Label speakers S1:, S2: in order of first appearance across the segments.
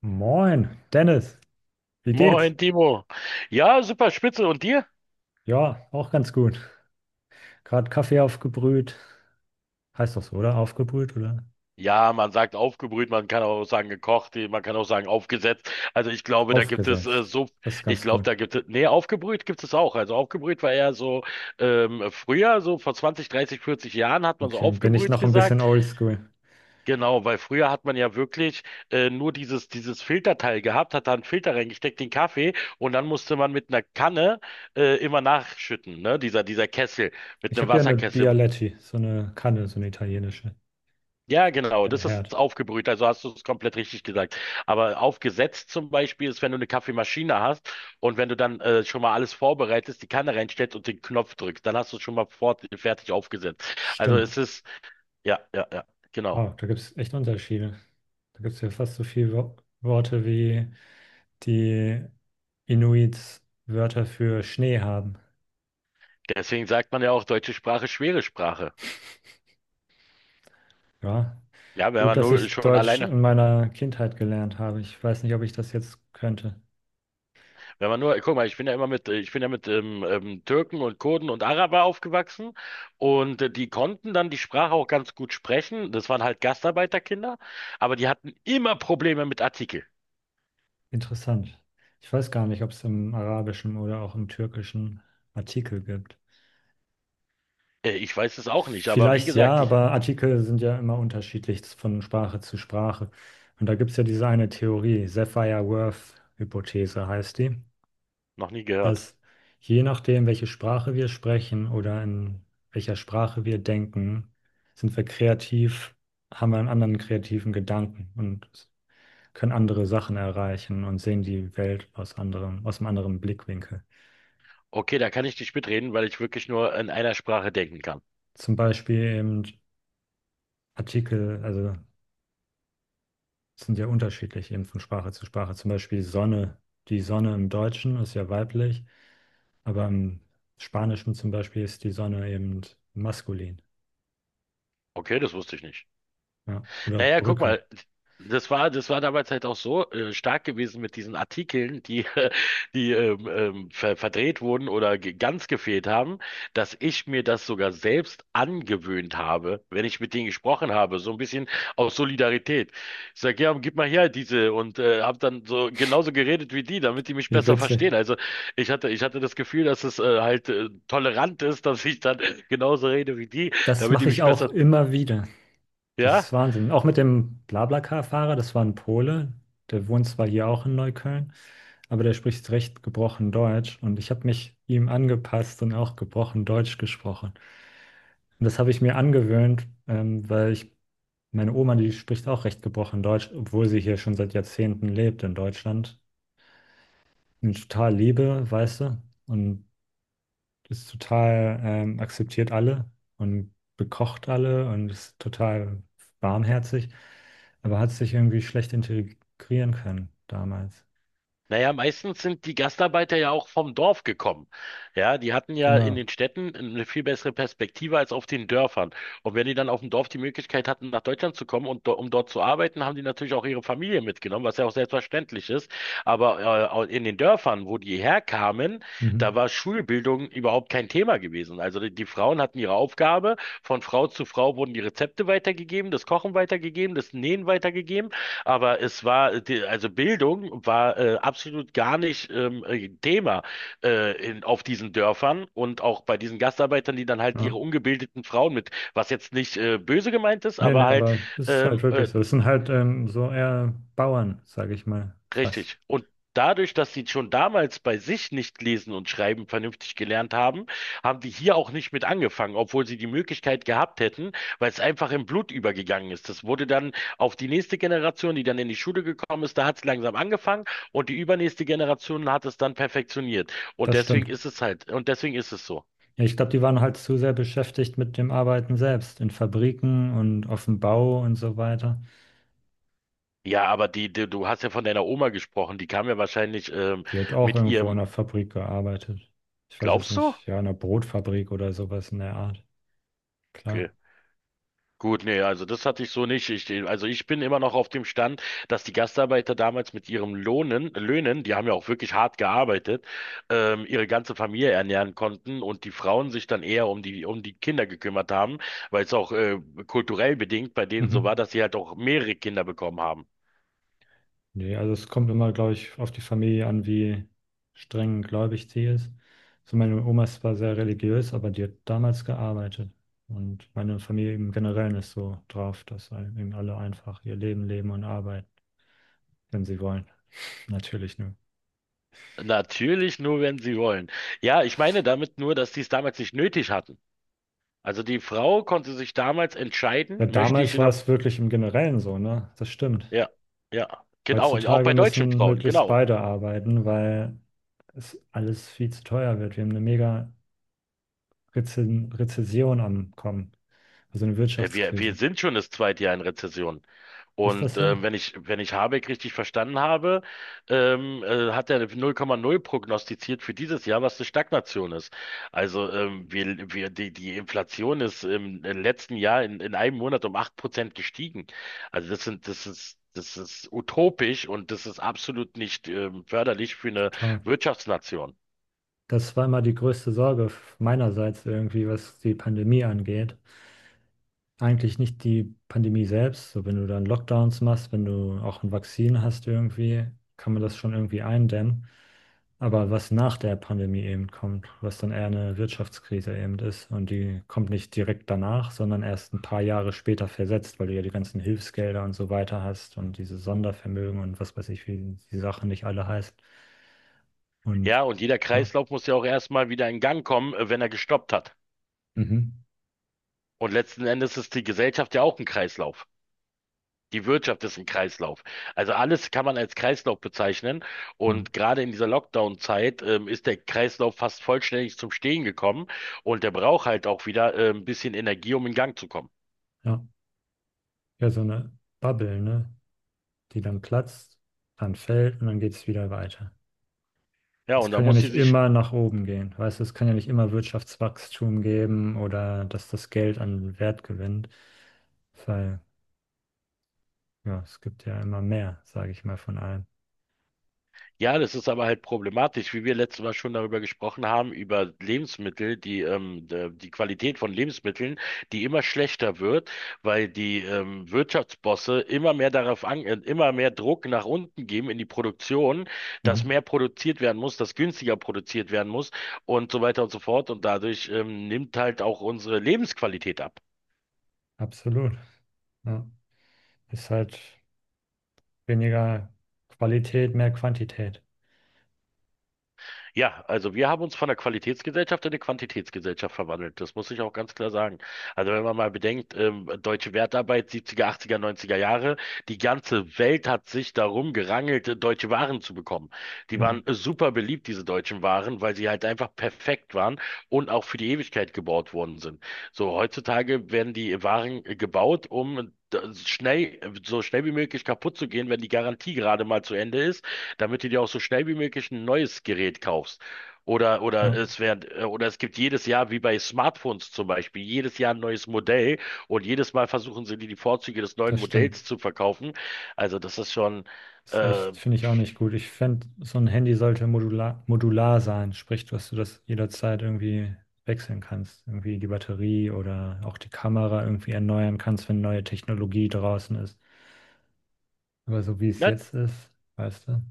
S1: Moin, Dennis, wie geht's?
S2: Moin, Timo. Ja, super spitze. Und dir?
S1: Ja, auch ganz gut. Gerade Kaffee aufgebrüht. Heißt doch so, oder? Aufgebrüht oder?
S2: Ja, man sagt aufgebrüht, man kann auch sagen gekocht, man kann auch sagen aufgesetzt. Also ich glaube, da gibt es
S1: Aufgesetzt.
S2: so,
S1: Das ist
S2: ich
S1: ganz
S2: glaube,
S1: gut.
S2: da gibt es, nee, aufgebrüht gibt es auch. Also aufgebrüht war eher so früher, so vor 20, 30, 40 Jahren hat man so
S1: Okay, bin ich
S2: aufgebrüht
S1: noch ein bisschen
S2: gesagt.
S1: oldschool.
S2: Genau, weil früher hat man ja wirklich nur dieses Filterteil gehabt, hat da einen Filter reingesteckt, den Kaffee, und dann musste man mit einer Kanne immer nachschütten, ne? Dieser Kessel mit
S1: Ich
S2: einem
S1: habe ja eine
S2: Wasserkessel.
S1: Bialetti, so eine Kanne, so eine italienische.
S2: Ja, genau,
S1: Ein
S2: das
S1: Herd.
S2: ist aufgebrüht, also hast du es komplett richtig gesagt. Aber aufgesetzt zum Beispiel ist, wenn du eine Kaffeemaschine hast, und wenn du dann schon mal alles vorbereitest, die Kanne reinstellst und den Knopf drückst, dann hast du es schon mal fertig aufgesetzt. Also
S1: Stimmt.
S2: es ist, ja, ja, ja, genau.
S1: Wow, da gibt es echt Unterschiede. Da gibt es ja fast so viele Wo Worte, wie die Inuits Wörter für Schnee haben.
S2: Deswegen sagt man ja auch, deutsche Sprache, schwere Sprache.
S1: Ja,
S2: Ja, wenn
S1: gut,
S2: man
S1: dass
S2: nur
S1: ich
S2: schon
S1: Deutsch
S2: alleine.
S1: in meiner Kindheit gelernt habe. Ich weiß nicht, ob ich das jetzt könnte.
S2: Wenn man nur, guck mal, ich bin ja immer mit, ich bin ja mit Türken und Kurden und Araber aufgewachsen, und die konnten dann die Sprache auch ganz gut sprechen. Das waren halt Gastarbeiterkinder, aber die hatten immer Probleme mit Artikel.
S1: Interessant. Ich weiß gar nicht, ob es im Arabischen oder auch im Türkischen Artikel gibt.
S2: Ich weiß es auch nicht, aber wie
S1: Vielleicht ja,
S2: gesagt, ich
S1: aber Artikel sind ja immer unterschiedlich von Sprache zu Sprache. Und da gibt es ja diese eine Theorie, Sapir-Whorf-Hypothese heißt die,
S2: noch nie gehört.
S1: dass je nachdem, welche Sprache wir sprechen oder in welcher Sprache wir denken, sind wir kreativ, haben wir einen anderen kreativen Gedanken. Und können andere Sachen erreichen und sehen die Welt aus anderem, aus einem anderen Blickwinkel.
S2: Okay, da kann ich nicht mitreden, weil ich wirklich nur in einer Sprache denken kann.
S1: Zum Beispiel eben Artikel, also sind ja unterschiedlich eben von Sprache zu Sprache. Zum Beispiel Sonne, die Sonne im Deutschen ist ja weiblich, aber im Spanischen zum Beispiel ist die Sonne eben maskulin.
S2: Okay, das wusste ich nicht.
S1: Ja. Oder
S2: Naja, guck
S1: Brücke.
S2: mal, das war damals halt auch so stark gewesen mit diesen Artikeln, die, die verdreht wurden oder ge ganz gefehlt haben, dass ich mir das sogar selbst angewöhnt habe, wenn ich mit denen gesprochen habe, so ein bisschen aus Solidarität. Ich sage, ja, gib mal her diese, und habe dann so genauso geredet wie die, damit die mich
S1: Wie
S2: besser
S1: witzig.
S2: verstehen. Also ich hatte das Gefühl, dass es halt tolerant ist, dass ich dann genauso rede wie die,
S1: Das
S2: damit die
S1: mache ich
S2: mich
S1: auch
S2: besser,
S1: immer wieder. Das
S2: ja?
S1: ist Wahnsinn. Auch mit dem BlaBlaCar-Fahrer, das war ein Pole, der wohnt zwar hier auch in Neukölln, aber der spricht recht gebrochen Deutsch und ich habe mich ihm angepasst und auch gebrochen Deutsch gesprochen. Und das habe ich mir angewöhnt, weil ich, meine Oma, die spricht auch recht gebrochen Deutsch, obwohl sie hier schon seit Jahrzehnten lebt in Deutschland. Und ich total liebe, weißt du, und ist total akzeptiert alle und bekocht alle und ist total warmherzig, aber hat sich irgendwie schlecht integrieren können damals.
S2: Naja, meistens sind die Gastarbeiter ja auch vom Dorf gekommen. Ja, die hatten ja in
S1: Genau.
S2: den Städten eine viel bessere Perspektive als auf den Dörfern. Und wenn die dann auf dem Dorf die Möglichkeit hatten, nach Deutschland zu kommen und do um dort zu arbeiten, haben die natürlich auch ihre Familie mitgenommen, was ja auch selbstverständlich ist. Aber in den Dörfern, wo die herkamen, da
S1: Mhm.
S2: war Schulbildung überhaupt kein Thema gewesen. Also die Frauen hatten ihre Aufgabe, von Frau zu Frau wurden die Rezepte weitergegeben, das Kochen weitergegeben, das Nähen weitergegeben. Aber es war, die, also Bildung war absolut gar nicht Thema in, auf diesen Dörfern und auch bei diesen Gastarbeitern, die dann halt
S1: Ja.
S2: ihre ungebildeten Frauen mit, was jetzt nicht böse gemeint ist,
S1: Nee, nee,
S2: aber halt
S1: aber es ist
S2: ähm,
S1: halt
S2: äh,
S1: wirklich so. Es sind halt so eher Bauern, sage ich mal, fast.
S2: Richtig. Und dadurch, dass sie schon damals bei sich nicht lesen und schreiben vernünftig gelernt haben, haben die hier auch nicht mit angefangen, obwohl sie die Möglichkeit gehabt hätten, weil es einfach im Blut übergegangen ist. Das wurde dann auf die nächste Generation, die dann in die Schule gekommen ist, da hat es langsam angefangen, und die übernächste Generation hat es dann perfektioniert. Und
S1: Das
S2: deswegen
S1: stimmt.
S2: ist es halt, und deswegen ist es so.
S1: Ja, ich glaube, die waren halt zu sehr beschäftigt mit dem Arbeiten selbst, in Fabriken und auf dem Bau und so weiter.
S2: Ja, aber die, die, du hast ja von deiner Oma gesprochen, die kam ja wahrscheinlich
S1: Die hat auch
S2: mit
S1: irgendwo in
S2: ihrem,
S1: einer Fabrik gearbeitet. Ich weiß jetzt
S2: glaubst du?
S1: nicht, ja, in einer Brotfabrik oder sowas in der Art.
S2: Okay.
S1: Klar.
S2: Gut, nee, also das hatte ich so nicht. Also ich bin immer noch auf dem Stand, dass die Gastarbeiter damals mit ihrem Löhnen, die haben ja auch wirklich hart gearbeitet, ihre ganze Familie ernähren konnten, und die Frauen sich dann eher um um die Kinder gekümmert haben, weil es auch kulturell bedingt bei denen so
S1: Mhm.
S2: war, dass sie halt auch mehrere Kinder bekommen haben.
S1: Nee, also es kommt immer, glaube ich, auf die Familie an, wie streng gläubig sie ist. So meine Oma ist zwar sehr religiös, aber die hat damals gearbeitet. Und meine Familie im Generellen ist so drauf, dass halt eben alle einfach ihr Leben leben und arbeiten, wenn sie wollen. Natürlich nur.
S2: Natürlich nur, wenn sie wollen. Ja, ich meine damit nur, dass sie es damals nicht nötig hatten. Also die Frau konnte sich damals entscheiden,
S1: Ja,
S2: möchte ich
S1: damals
S2: in
S1: war
S2: einer,
S1: es wirklich im Generellen so, ne? Das stimmt.
S2: ja, ja, genau, auch
S1: Heutzutage
S2: bei deutschen
S1: müssen
S2: Frauen,
S1: möglichst
S2: genau.
S1: beide arbeiten, weil es alles viel zu teuer wird. Wir haben eine mega Reze Rezession am Kommen, also eine
S2: Wir
S1: Wirtschaftskrise.
S2: sind schon das zweite Jahr in Rezession.
S1: Ist das
S2: Und
S1: so?
S2: wenn ich Habeck richtig verstanden habe, hat er 0,0 prognostiziert für dieses Jahr, was eine Stagnation ist. Also die Inflation ist im letzten Jahr in einem Monat um 8% gestiegen. Also das ist utopisch, und das ist absolut nicht förderlich für eine
S1: Total.
S2: Wirtschaftsnation.
S1: Das war immer die größte Sorge meinerseits irgendwie, was die Pandemie angeht. Eigentlich nicht die Pandemie selbst. So, wenn du dann Lockdowns machst, wenn du auch ein Vakzin hast irgendwie, kann man das schon irgendwie eindämmen. Aber was nach der Pandemie eben kommt, was dann eher eine Wirtschaftskrise eben ist. Und die kommt nicht direkt danach, sondern erst ein paar Jahre später versetzt, weil du ja die ganzen Hilfsgelder und so weiter hast und diese Sondervermögen und was weiß ich, wie die Sachen nicht alle heißt. Und
S2: Ja, und jeder
S1: ja.
S2: Kreislauf muss ja auch erstmal wieder in Gang kommen, wenn er gestoppt hat.
S1: Mhm.
S2: Und letzten Endes ist die Gesellschaft ja auch ein Kreislauf. Die Wirtschaft ist ein Kreislauf. Also alles kann man als Kreislauf bezeichnen.
S1: Mhm.
S2: Und gerade in dieser Lockdown-Zeit ist der Kreislauf fast vollständig zum Stehen gekommen. Und der braucht halt auch wieder ein bisschen Energie, um in Gang zu kommen.
S1: Ja. Ja, so eine Bubble, ne? Die dann platzt, dann fällt und dann geht es wieder weiter.
S2: Ja,
S1: Es
S2: und da
S1: kann ja
S2: muss sie
S1: nicht
S2: sich.
S1: immer nach oben gehen. Weißt du, es kann ja nicht immer Wirtschaftswachstum geben oder dass das Geld an Wert gewinnt. Weil, ja, es gibt ja immer mehr, sage ich mal, von allem.
S2: Ja, das ist aber halt problematisch, wie wir letztes Mal schon darüber gesprochen haben, über Lebensmittel, die Qualität von Lebensmitteln, die immer schlechter wird, weil die Wirtschaftsbosse immer mehr darauf an, immer mehr Druck nach unten geben in die Produktion, dass
S1: Mhm.
S2: mehr produziert werden muss, dass günstiger produziert werden muss und so weiter und so fort. Und dadurch nimmt halt auch unsere Lebensqualität ab.
S1: Absolut. Ja. Ist halt weniger Qualität, mehr Quantität.
S2: Ja, also wir haben uns von der Qualitätsgesellschaft in eine Quantitätsgesellschaft verwandelt. Das muss ich auch ganz klar sagen. Also wenn man mal bedenkt, deutsche Wertarbeit 70er, 80er, 90er Jahre, die ganze Welt hat sich darum gerangelt, deutsche Waren zu bekommen. Die
S1: Mhm.
S2: waren super beliebt, diese deutschen Waren, weil sie halt einfach perfekt waren und auch für die Ewigkeit gebaut worden sind. So heutzutage werden die Waren gebaut, um schnell, so schnell wie möglich kaputt zu gehen, wenn die Garantie gerade mal zu Ende ist, damit du dir auch so schnell wie möglich ein neues Gerät kaufst. Oder
S1: Ja,
S2: es werden, oder es gibt jedes Jahr, wie bei Smartphones zum Beispiel, jedes Jahr ein neues Modell, und jedes Mal versuchen sie dir die Vorzüge des neuen
S1: das stimmt.
S2: Modells zu verkaufen. Also das ist schon,
S1: Ist
S2: äh,
S1: echt, finde ich auch nicht gut. Ich fände, so ein Handy sollte modular sein, sprich, dass du das jederzeit irgendwie wechseln kannst. Irgendwie die Batterie oder auch die Kamera irgendwie erneuern kannst, wenn neue Technologie draußen ist. Aber so wie es
S2: ja,
S1: jetzt ist, weißt du?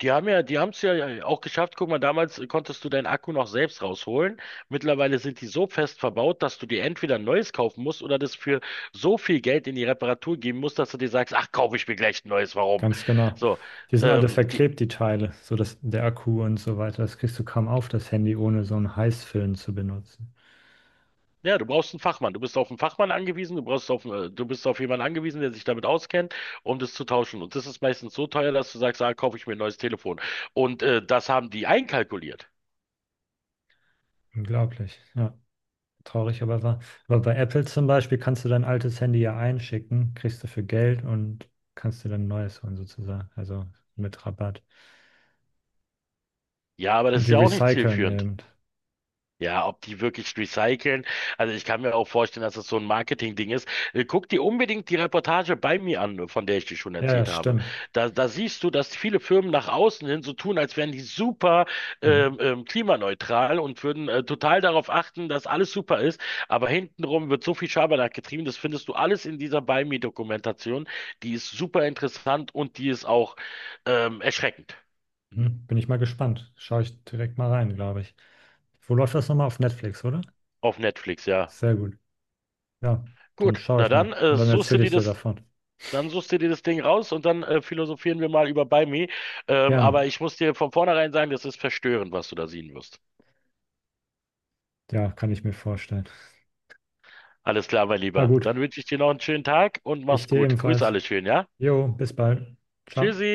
S2: die haben es ja auch geschafft. Guck mal, damals konntest du deinen Akku noch selbst rausholen. Mittlerweile sind die so fest verbaut, dass du dir entweder ein neues kaufen musst oder das für so viel Geld in die Reparatur geben musst, dass du dir sagst, ach, kaufe ich mir gleich ein neues, warum?
S1: Ganz genau.
S2: So.
S1: Die sind alle
S2: Ähm, die,
S1: verklebt, die Teile, so dass der Akku und so weiter. Das kriegst du kaum auf, das Handy, ohne so einen Heißfilm zu benutzen.
S2: Ja, du brauchst einen Fachmann. Du bist auf einen Fachmann angewiesen, du bist auf jemanden angewiesen, der sich damit auskennt, um das zu tauschen. Und das ist meistens so teuer, dass du sagst, ah, kaufe ich mir ein neues Telefon. Und das haben die einkalkuliert.
S1: Unglaublich, ja. Traurig aber wahr. Aber bei Apple zum Beispiel kannst du dein altes Handy ja einschicken, kriegst dafür Geld und kannst dir dann ein neues holen sozusagen. Also mit Rabatt.
S2: Ja, aber das
S1: Und
S2: ist
S1: die
S2: ja auch nicht
S1: recyceln
S2: zielführend.
S1: eben.
S2: Ja, ob die wirklich recyceln. Also ich kann mir auch vorstellen, dass das so ein Marketing-Ding ist. Guck dir unbedingt die Reportage bei mir an, von der ich dir schon
S1: Ja, ja,
S2: erzählt habe.
S1: stimmt.
S2: Da siehst du, dass viele Firmen nach außen hin so tun, als wären die super
S1: Mhm.
S2: klimaneutral und würden total darauf achten, dass alles super ist. Aber hintenrum wird so viel Schabernack getrieben. Das findest du alles in dieser bei mir-Dokumentation. Die ist super interessant, und die ist auch erschreckend.
S1: Mhm. Bin ich mal gespannt. Schaue ich direkt mal rein, glaube ich. Wo läuft das nochmal? Auf Netflix, oder?
S2: Auf Netflix, ja.
S1: Sehr gut. Ja, dann
S2: Gut,
S1: schaue
S2: na
S1: ich mal.
S2: dann
S1: Und dann
S2: suchst du
S1: erzähle
S2: dir
S1: ich dir
S2: das
S1: davon.
S2: Dann suchst du dir das Ding raus, und dann philosophieren wir mal über Buy Me.
S1: Gerne.
S2: Aber ich muss dir von vornherein sagen, das ist verstörend, was du da sehen wirst.
S1: Ja, kann ich mir vorstellen.
S2: Alles klar, mein
S1: Na
S2: Lieber.
S1: gut,
S2: Dann wünsche ich dir noch einen schönen Tag und
S1: ich
S2: mach's
S1: dir
S2: gut. Grüß
S1: ebenfalls.
S2: alle schön, ja?
S1: Jo, bis bald. Ciao.
S2: Tschüssi!